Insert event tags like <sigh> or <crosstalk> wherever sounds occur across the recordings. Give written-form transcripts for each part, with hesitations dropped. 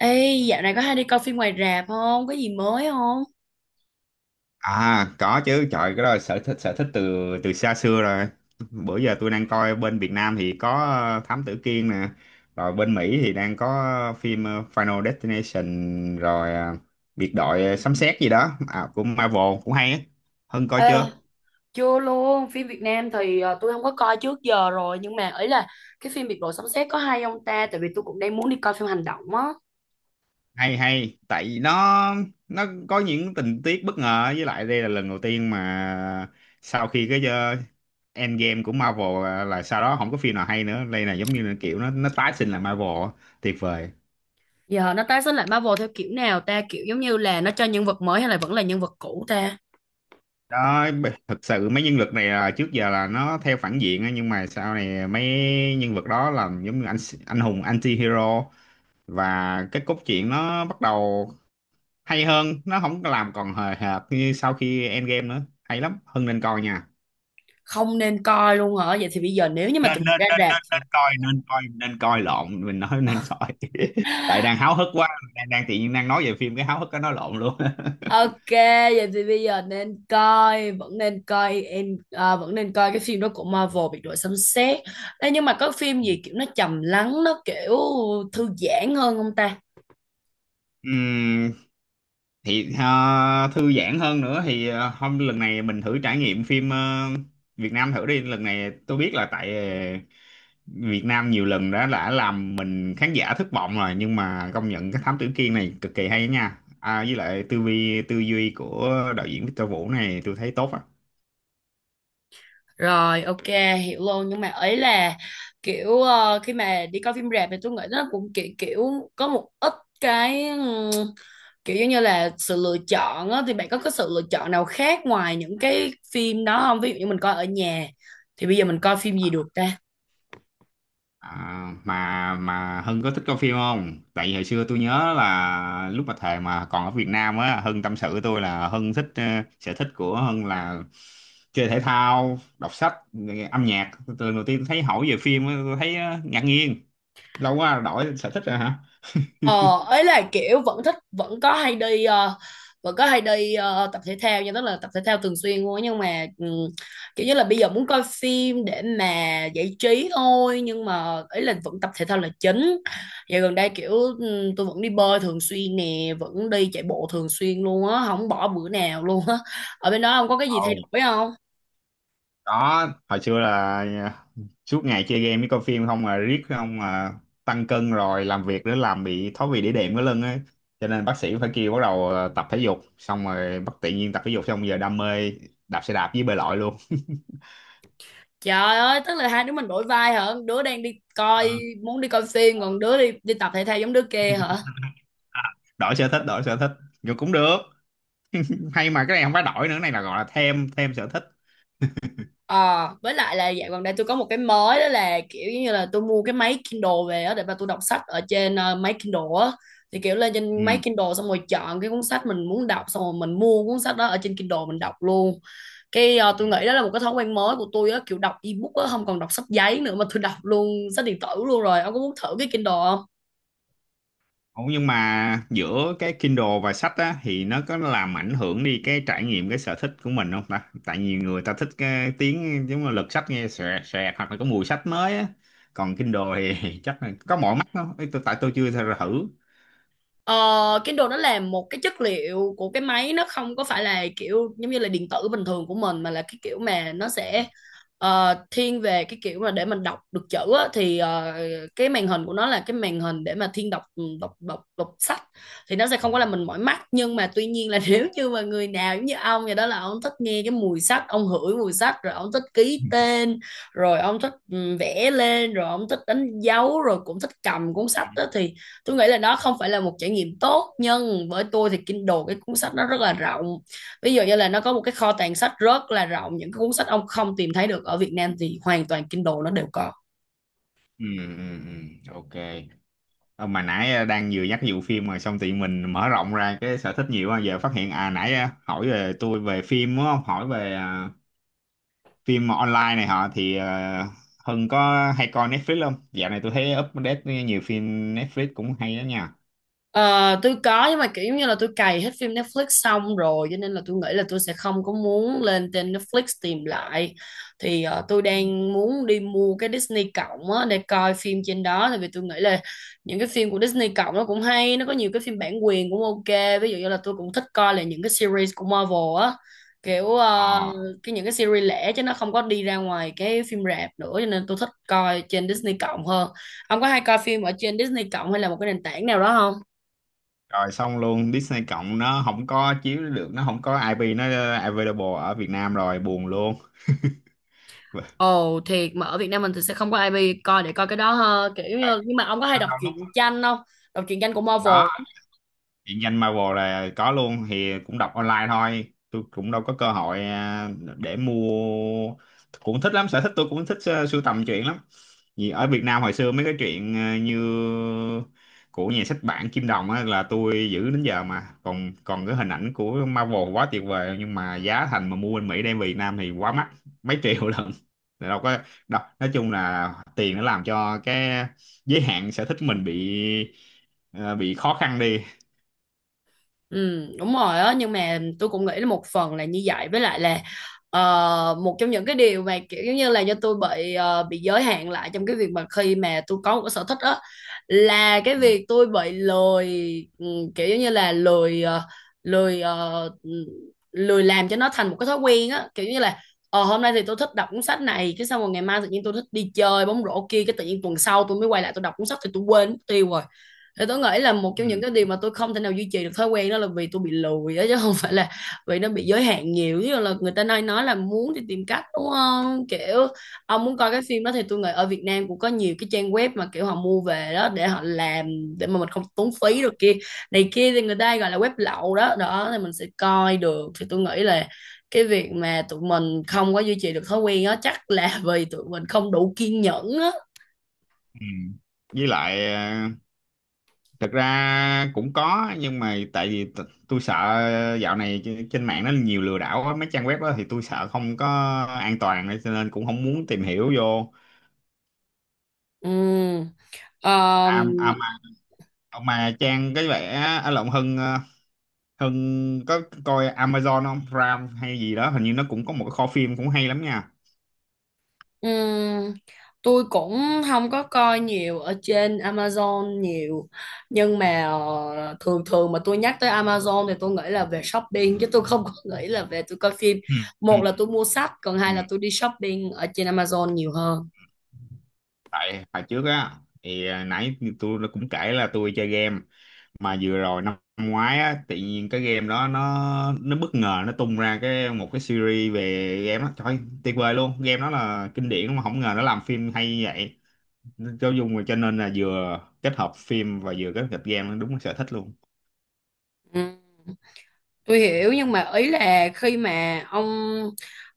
Ê, dạo này có hay đi coi phim ngoài rạp không? Có gì mới không? À có chứ trời, cái đó là sở thích từ từ xa xưa rồi. Bữa giờ tôi đang coi bên Việt Nam thì có Thám Tử Kiên nè. Rồi bên Mỹ thì đang có phim Final Destination. Rồi biệt đội sấm sét gì đó, à, của Marvel cũng hay á. Hưng coi Ê, chưa? chưa luôn. Phim Việt Nam thì tôi không có coi trước giờ rồi, nhưng mà ấy là cái phim Biệt đội sấm sét có hay không ta, tại vì tôi cũng đang muốn đi coi phim hành động á. Hay, hay tại vì nó có những tình tiết bất ngờ, với lại đây là lần đầu tiên mà sau khi cái Endgame của Marvel là sau đó không có phim nào hay nữa. Đây là giống như là kiểu nó tái sinh lại Marvel á. Tuyệt vời. Giờ nó tái xuất lại Marvel theo kiểu nào ta? Kiểu giống như là nó cho nhân vật mới hay là vẫn là nhân vật cũ ta? Đó, thực sự mấy nhân vật này là trước giờ là nó theo phản diện á, nhưng mà sau này mấy nhân vật đó là giống như anh hùng anti-hero, và cái cốt truyện nó bắt đầu hay hơn, nó không có làm còn hời hợt như sau khi Endgame nữa. Hay lắm, Hưng nên coi nha. Không, nên coi luôn hả? Vậy thì bây giờ nếu như mà nên tụi mình nên ra nên rạp nên thì... nên coi, nên coi, nên coi lộn, mình nói nên coi. <laughs> Tại đang <sighs> háo hức quá. Đang tự nhiên đang nói về phim, cái háo hức cái nói lộn luôn. Ok, vậy thì bây giờ nên coi, vẫn nên coi em à, vẫn nên coi cái phim đó của Marvel, biệt đội sấm sét. Ê, nhưng mà có phim gì kiểu nó <laughs> trầm lắng, nó kiểu thư giãn hơn không ta? Ừm, thì thư giãn hơn nữa thì hôm lần này mình thử trải nghiệm phim Việt Nam thử đi. Lần này tôi biết là tại Việt Nam nhiều lần đã làm mình khán giả thất vọng rồi, nhưng mà công nhận cái Thám Tử Kiên này cực kỳ hay nha. À, với lại tư duy của đạo diễn Victor Vũ này tôi thấy tốt á. Rồi, ok, hiểu luôn. Nhưng mà ấy là kiểu khi mà đi coi phim rạp thì tôi nghĩ nó cũng kiểu kiểu có một ít cái kiểu giống như là sự lựa chọn á, thì bạn có cái sự lựa chọn nào khác ngoài những cái phim đó không? Ví dụ như mình coi ở nhà thì bây giờ mình coi phim gì được ta? À, mà Hưng có thích coi phim không? Tại vì hồi xưa tôi nhớ là lúc mà thời mà còn ở Việt Nam á, Hưng tâm sự với tôi là Hưng thích sở thích của Hưng là chơi thể thao, đọc sách, nghe âm nhạc. Từ lần đầu tiên tôi thấy hỏi về phim á, tôi thấy ngạc nhiên. Lâu quá đổi sở thích rồi hả? Ờ, ấy là kiểu vẫn thích, vẫn có hay đi tập thể thao nha, tức là tập thể thao thường xuyên luôn á, nhưng mà kiểu như là bây giờ muốn coi phim để mà giải trí thôi, nhưng mà ấy là vẫn tập thể thao là chính. Giờ gần đây kiểu tôi vẫn đi bơi thường xuyên nè, vẫn đi chạy bộ thường xuyên luôn á, không bỏ bữa nào luôn á. Ở bên đó không có cái gì thay Ồ. đổi không? Đó, hồi xưa là, à, suốt ngày chơi game với coi phim không mà, riết không mà tăng cân rồi, làm việc nữa làm bị thoái vị đĩa đệm cái lưng ấy, cho nên bác sĩ phải kêu bắt đầu, tập thể dục, xong rồi bất tự nhiên tập thể dục xong giờ đam mê đạp xe đạp với bơi lội luôn. Trời ơi, tức là hai đứa mình đổi vai hả? Đứa đang đi Ờ, coi muốn đi coi phim, còn đứa đi đi tập thể thao giống đứa kia hả? à, đổi sở thích, đổi sở thích, nhưng cũng được. Hay mà cái này không phải đổi nữa, cái này là gọi là thêm, thêm sở thích. Ờ, với lại là dạo gần đây tôi có một cái mới, đó là kiểu như là tôi mua cái máy Kindle về á để mà tôi đọc sách ở trên máy Kindle á. Thì kiểu lên trên máy Kindle xong rồi chọn cái cuốn sách mình muốn đọc, xong rồi mình mua cuốn sách đó ở trên Kindle mình đọc luôn. Cái Ừ. tôi nghĩ đó là một cái thói quen mới của tôi á, kiểu đọc ebook á, không còn đọc sách giấy nữa mà tôi đọc luôn sách điện tử luôn rồi. Ông có muốn thử cái Kindle không? Ủa, nhưng mà giữa cái Kindle và sách á thì nó có làm ảnh hưởng đi cái trải nghiệm, cái sở thích của mình không ta? Tại nhiều người ta thích cái tiếng giống là lật sách nghe xòe xòe, hoặc là có mùi sách mới á. Còn Kindle thì <laughs> chắc là có mỏi mắt không? Ê, tại tôi chưa thử. Ờ, Kindle nó là một cái chất liệu của cái máy, nó không có phải là kiểu giống như là điện tử bình thường của mình, mà là cái kiểu mà nó sẽ thiên về cái kiểu mà để mình đọc được chữ á, thì cái màn hình của nó là cái màn hình để mà thiên đọc đọc sách, thì nó sẽ không có làm mình mỏi mắt. Nhưng mà tuy nhiên là <laughs> nếu như mà người nào giống như ông vậy đó, là ông thích nghe cái mùi sách, ông hửi mùi sách, rồi ông thích ký tên, rồi ông thích vẽ lên, rồi ông thích đánh dấu, rồi cũng thích cầm cuốn sách đó, thì tôi nghĩ là nó không phải là một trải nghiệm tốt. Nhưng với tôi thì Kindle cái cuốn sách nó rất là rộng, ví dụ như là nó có một cái kho tàng sách rất là rộng, những cái cuốn sách ông không tìm thấy được ở Việt Nam thì hoàn toàn Kindle nó đều có. Ừ, ừ, ừ, ok. Ờ, mà nãy đang vừa nhắc vụ phim mà xong thì mình mở rộng ra cái sở thích nhiều quá, giờ phát hiện à nãy hỏi về tôi về phim đúng không? Hỏi về phim online này họ thì Hưng có hay coi Netflix không? Dạo này tôi thấy update nhiều phim Netflix cũng hay đó nha. Ờ, tôi có, nhưng mà kiểu như là tôi cày hết phim Netflix xong rồi, cho nên là tôi nghĩ là tôi sẽ không có muốn lên trên Netflix tìm lại. Thì tôi đang muốn đi mua cái Disney cộng á để coi phim trên đó, tại vì tôi nghĩ là những cái phim của Disney cộng nó cũng hay, nó có nhiều cái phim bản quyền cũng ok, ví dụ như là tôi cũng thích coi là những cái series của Marvel á, kiểu Ờ, cái những cái series lẻ, chứ nó không có đi ra ngoài cái phim rạp nữa, cho nên tôi thích coi trên Disney cộng hơn. Ông có hay coi phim ở trên Disney cộng hay là một cái nền tảng nào đó không? rồi xong luôn Disney cộng nó không có chiếu được, nó không có IP, nó available ở Việt Nam rồi, buồn luôn. <laughs> Ồ thiệt, mà ở Việt Nam mình thì sẽ không có ai bi coi để coi cái đó ha, kiểu Vậy, như nhưng mà ông có hay có đọc đôi lúc. truyện tranh không? Đọc truyện tranh của Có Marvel? điện danh Marvel là có luôn, thì cũng đọc online thôi. Tôi cũng đâu có cơ hội để mua. Cũng thích lắm, sở thích tôi cũng thích sưu tầm truyện lắm. Vì ở Việt Nam hồi xưa mấy cái chuyện như của nhà sách bản Kim Đồng á là tôi giữ đến giờ mà còn còn cái hình ảnh của Marvel, quá tuyệt vời. Nhưng mà giá thành mà mua bên Mỹ đem về Việt Nam thì quá mắc, mấy triệu <laughs> lần. Thì đâu có đâu, nói chung là tiền nó làm cho cái giới hạn sở thích mình bị, ờ, bị khó khăn đi. Ừ, đúng rồi á, nhưng mà tôi cũng nghĩ là một phần là như vậy, với lại là một trong những cái điều mà kiểu giống như là do tôi bị bị giới hạn lại, trong cái việc mà khi mà tôi có một cái sở thích á, là cái Ừ. việc tôi bị lười. ừ, Kiểu giống như là lười lười ờ, ừ, lười làm cho nó thành một cái thói quen á, kiểu như là ờ hôm nay thì tôi thích đọc cuốn sách này, cái xong rồi ngày mai tự nhiên tôi thích đi chơi bóng rổ kia, cái tự nhiên tuần sau tôi mới quay lại tôi đọc cuốn sách thì tôi quên mất tiêu rồi. Thì tôi nghĩ là một trong Ừ. những cái điều mà tôi không thể nào duy trì được thói quen đó là vì tôi bị lười á, chứ không phải là vì nó bị giới hạn nhiều. Chứ là người ta nói là muốn thì tìm cách đúng không, kiểu ông muốn coi cái phim đó thì tôi nghĩ ở Việt Nam cũng có nhiều cái trang web mà kiểu họ mua về đó để họ làm, để mà mình không tốn phí được, kia này kia thì người ta gọi là web lậu đó đó, thì mình sẽ coi được. Thì tôi nghĩ là cái việc mà tụi mình không có duy trì được thói quen đó chắc là <laughs> vì tụi mình không đủ kiên nhẫn á. Ừ. Với lại thật ra cũng có, nhưng mà tại vì tôi sợ dạo này trên trên mạng nó nhiều lừa đảo á, mấy trang web đó thì tôi sợ không có an toàn, nên cho nên cũng không muốn tìm hiểu vô. Ừ. Ờ. À, mà trang cái vẻ ở lộng Hưng, Hưng có coi Amazon không? Prime hay gì đó, hình như nó cũng có một cái kho phim cũng hay lắm nha. Ừm, tôi cũng không có coi nhiều ở trên Amazon nhiều, nhưng mà thường thường mà tôi nhắc tới Amazon thì tôi nghĩ là về shopping, chứ tôi không có <laughs> nghĩ là về tôi coi phim. Ừ, ừ, Một là tôi mua sách, còn ừ. hai là tôi đi shopping ở trên Amazon nhiều hơn. Tại hồi trước á thì, nãy tôi cũng kể là tôi chơi game, mà vừa rồi năm ngoái á tự nhiên cái game đó nó bất ngờ nó tung ra cái một cái series về game á, trời tuyệt vời luôn, game đó là kinh điển mà không ngờ nó làm phim hay như vậy, cho dùng cho nên là vừa kết hợp phim và vừa kết hợp game, đúng là sở thích luôn. Ừm. Tôi hiểu, nhưng mà ý là khi mà ông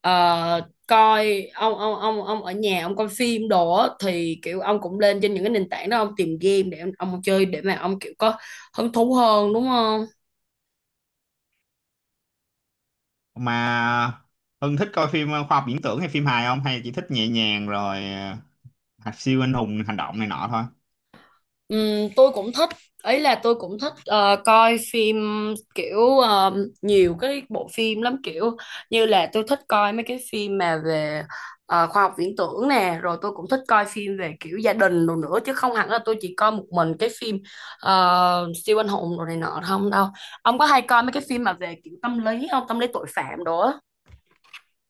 ờ, coi ông ông ở nhà ông coi phim đồ á, thì kiểu ông cũng lên trên những cái nền tảng đó ông tìm game để ông chơi để mà ông kiểu có hứng thú hơn đúng không? Mà Hưng thích coi phim khoa học viễn tưởng hay phim hài không, hay chỉ thích nhẹ nhàng rồi siêu anh hùng hành động này nọ thôi? Tôi cũng thích, ấy là tôi cũng thích coi phim kiểu nhiều cái bộ phim lắm, kiểu như là tôi thích coi mấy cái phim mà về khoa học viễn tưởng nè, rồi tôi cũng thích coi phim về kiểu gia đình đồ nữa, chứ không hẳn là tôi chỉ coi một mình cái phim siêu anh hùng đồ này nọ không đâu. Ông có hay coi mấy cái phim mà về kiểu tâm lý không, tâm lý tội phạm đồ á?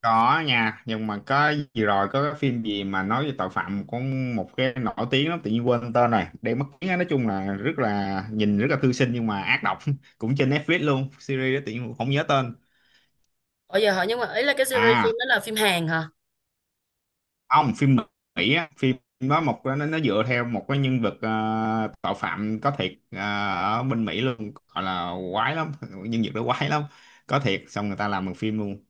Có nha, nhưng mà có gì rồi, có cái phim gì mà nói về tội phạm, có một cái nổi tiếng lắm tự nhiên quên tên rồi, để mất tiếng á. Nói chung là rất là nhìn rất là thư sinh nhưng mà ác độc, <laughs> cũng trên Netflix luôn, series đó tự nhiên không nhớ tên. Bây giờ hỏi, nhưng mà ấy là cái series À phim đó là phim Hàn hả? không, phim Mỹ á. Phim đó một, nó dựa theo một cái nhân vật tội phạm có thiệt ở bên Mỹ luôn, gọi là quái lắm. Nhân vật đó quái lắm, có thiệt, xong người ta làm một phim luôn.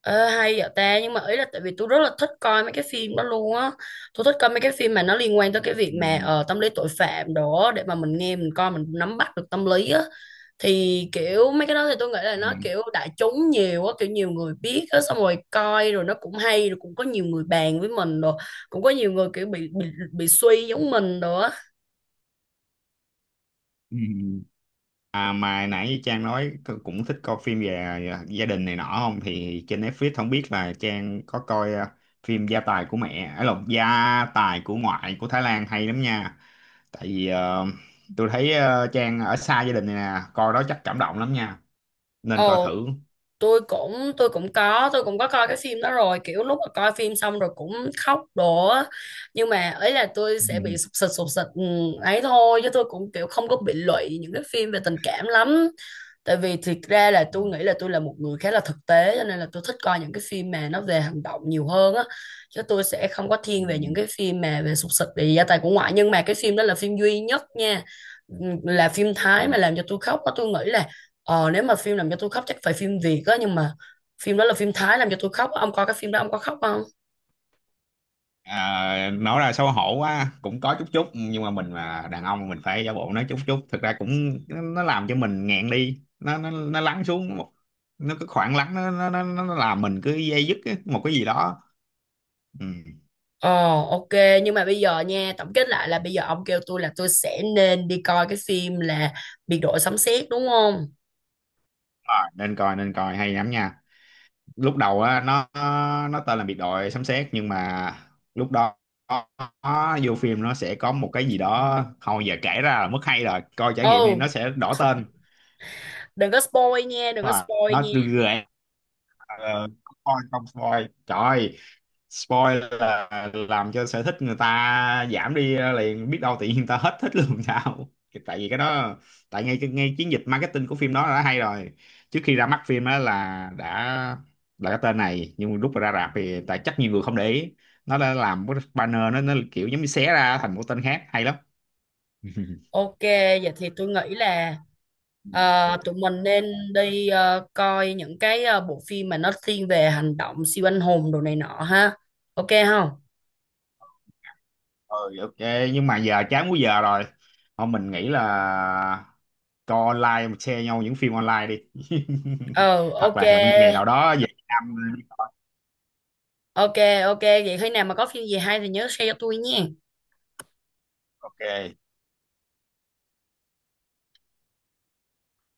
Ờ, hay vậy ta. Nhưng mà ý là tại vì tôi rất là thích coi mấy cái phim đó luôn á, tôi thích coi mấy cái phim mà nó liên quan tới cái việc Ừ. mà tâm lý tội phạm đó, để mà mình nghe mình coi mình nắm bắt được tâm lý á. Thì kiểu mấy cái đó thì tôi nghĩ là Ừ. nó kiểu đại chúng nhiều á, kiểu nhiều người biết á, xong rồi coi rồi nó cũng hay, rồi cũng có nhiều người bàn với mình rồi, cũng có nhiều người kiểu bị bị suy giống mình rồi á. Ừ. À, mà nãy như Trang nói cũng thích coi phim về, gia đình này nọ không, thì trên Netflix không biết là Trang có coi phim Gia tài của mẹ, ấy lộn, Gia tài của ngoại của Thái Lan hay lắm nha. Tại vì tôi thấy Trang ở xa gia đình này nè, coi đó chắc cảm động lắm nha, nên coi Ồ, thử. tôi cũng có tôi cũng có coi cái phim đó rồi, kiểu lúc mà coi phim xong rồi cũng khóc đổ á. Nhưng mà ấy là tôi <laughs> sẽ bị Ừ, sụp sịt ấy thôi, chứ tôi cũng kiểu không có bị lụy những cái phim về tình cảm lắm. Tại vì thiệt ra là tôi nghĩ là tôi là một người khá là thực tế, cho nên là tôi thích coi những cái phim mà nó về hành động nhiều hơn á, chứ tôi sẽ không có ừ, thiên về những cái phim mà về sụp sịt, về gia tài của ngoại. Nhưng mà cái phim đó là phim duy nhất nha. Ừ, là phim ừ. Thái mà làm cho tôi khóc á, tôi nghĩ là. Ờ, nếu mà phim làm cho tôi khóc chắc phải phim Việt á, nhưng mà phim đó là phim Thái làm cho tôi khóc á. Ông coi cái phim đó ông có khóc không? À, nói ra xấu hổ quá, cũng có chút chút, nhưng mà mình mà đàn ông mình phải giả bộ nói chút chút, thực ra cũng nó làm cho mình nghẹn đi, nó lắng xuống một, nó cứ khoảng lắng, nó làm mình cứ dây dứt á, một cái gì đó. Ừ. Ờ, ok. Nhưng mà bây giờ nha, tổng kết lại là bây giờ ông kêu tôi là tôi sẽ nên đi coi cái phim là Biệt đội sấm sét đúng không? Rồi, nên coi, nên coi hay lắm nha. Lúc đầu á nó tên là biệt đội sấm sét, nhưng mà lúc đó nó, vô phim nó sẽ có một cái gì đó, thôi giờ kể ra là mất hay, rồi coi trải nghiệm đi, nó Ừ, sẽ đổi tên đừng có spoil nha, đừng có và spoil nó nha. gợi... Ờ, không spoil, không spoil trời, spoil là làm cho sở thích người ta giảm đi liền, biết đâu tự nhiên người ta hết thích luôn sao. Tại vì cái đó, tại ngay ngay chiến dịch marketing của phim đó đã hay rồi, trước khi ra mắt phim á là đã là cái tên này, nhưng lúc mà ra rạp thì tại chắc nhiều người không để ý, nó đã làm cái banner nó kiểu giống như xé ra thành một tên khác, hay lắm. <laughs> Ok, vậy thì tôi nghĩ là tụi mình nên đi coi những cái bộ phim mà nó thiên về hành động siêu anh hùng đồ này nọ ha. Ok không? Ừ ok, nhưng mà giờ chán quá giờ rồi, thôi mình nghĩ là coi online mà share nhau những phim online đi. Ờ <laughs> Hoặc ok. là hẹn một ngày nào đó về Việt Nam đi. Ok, ok vậy khi nào mà có phim gì hay thì nhớ share cho tôi nha. Ok.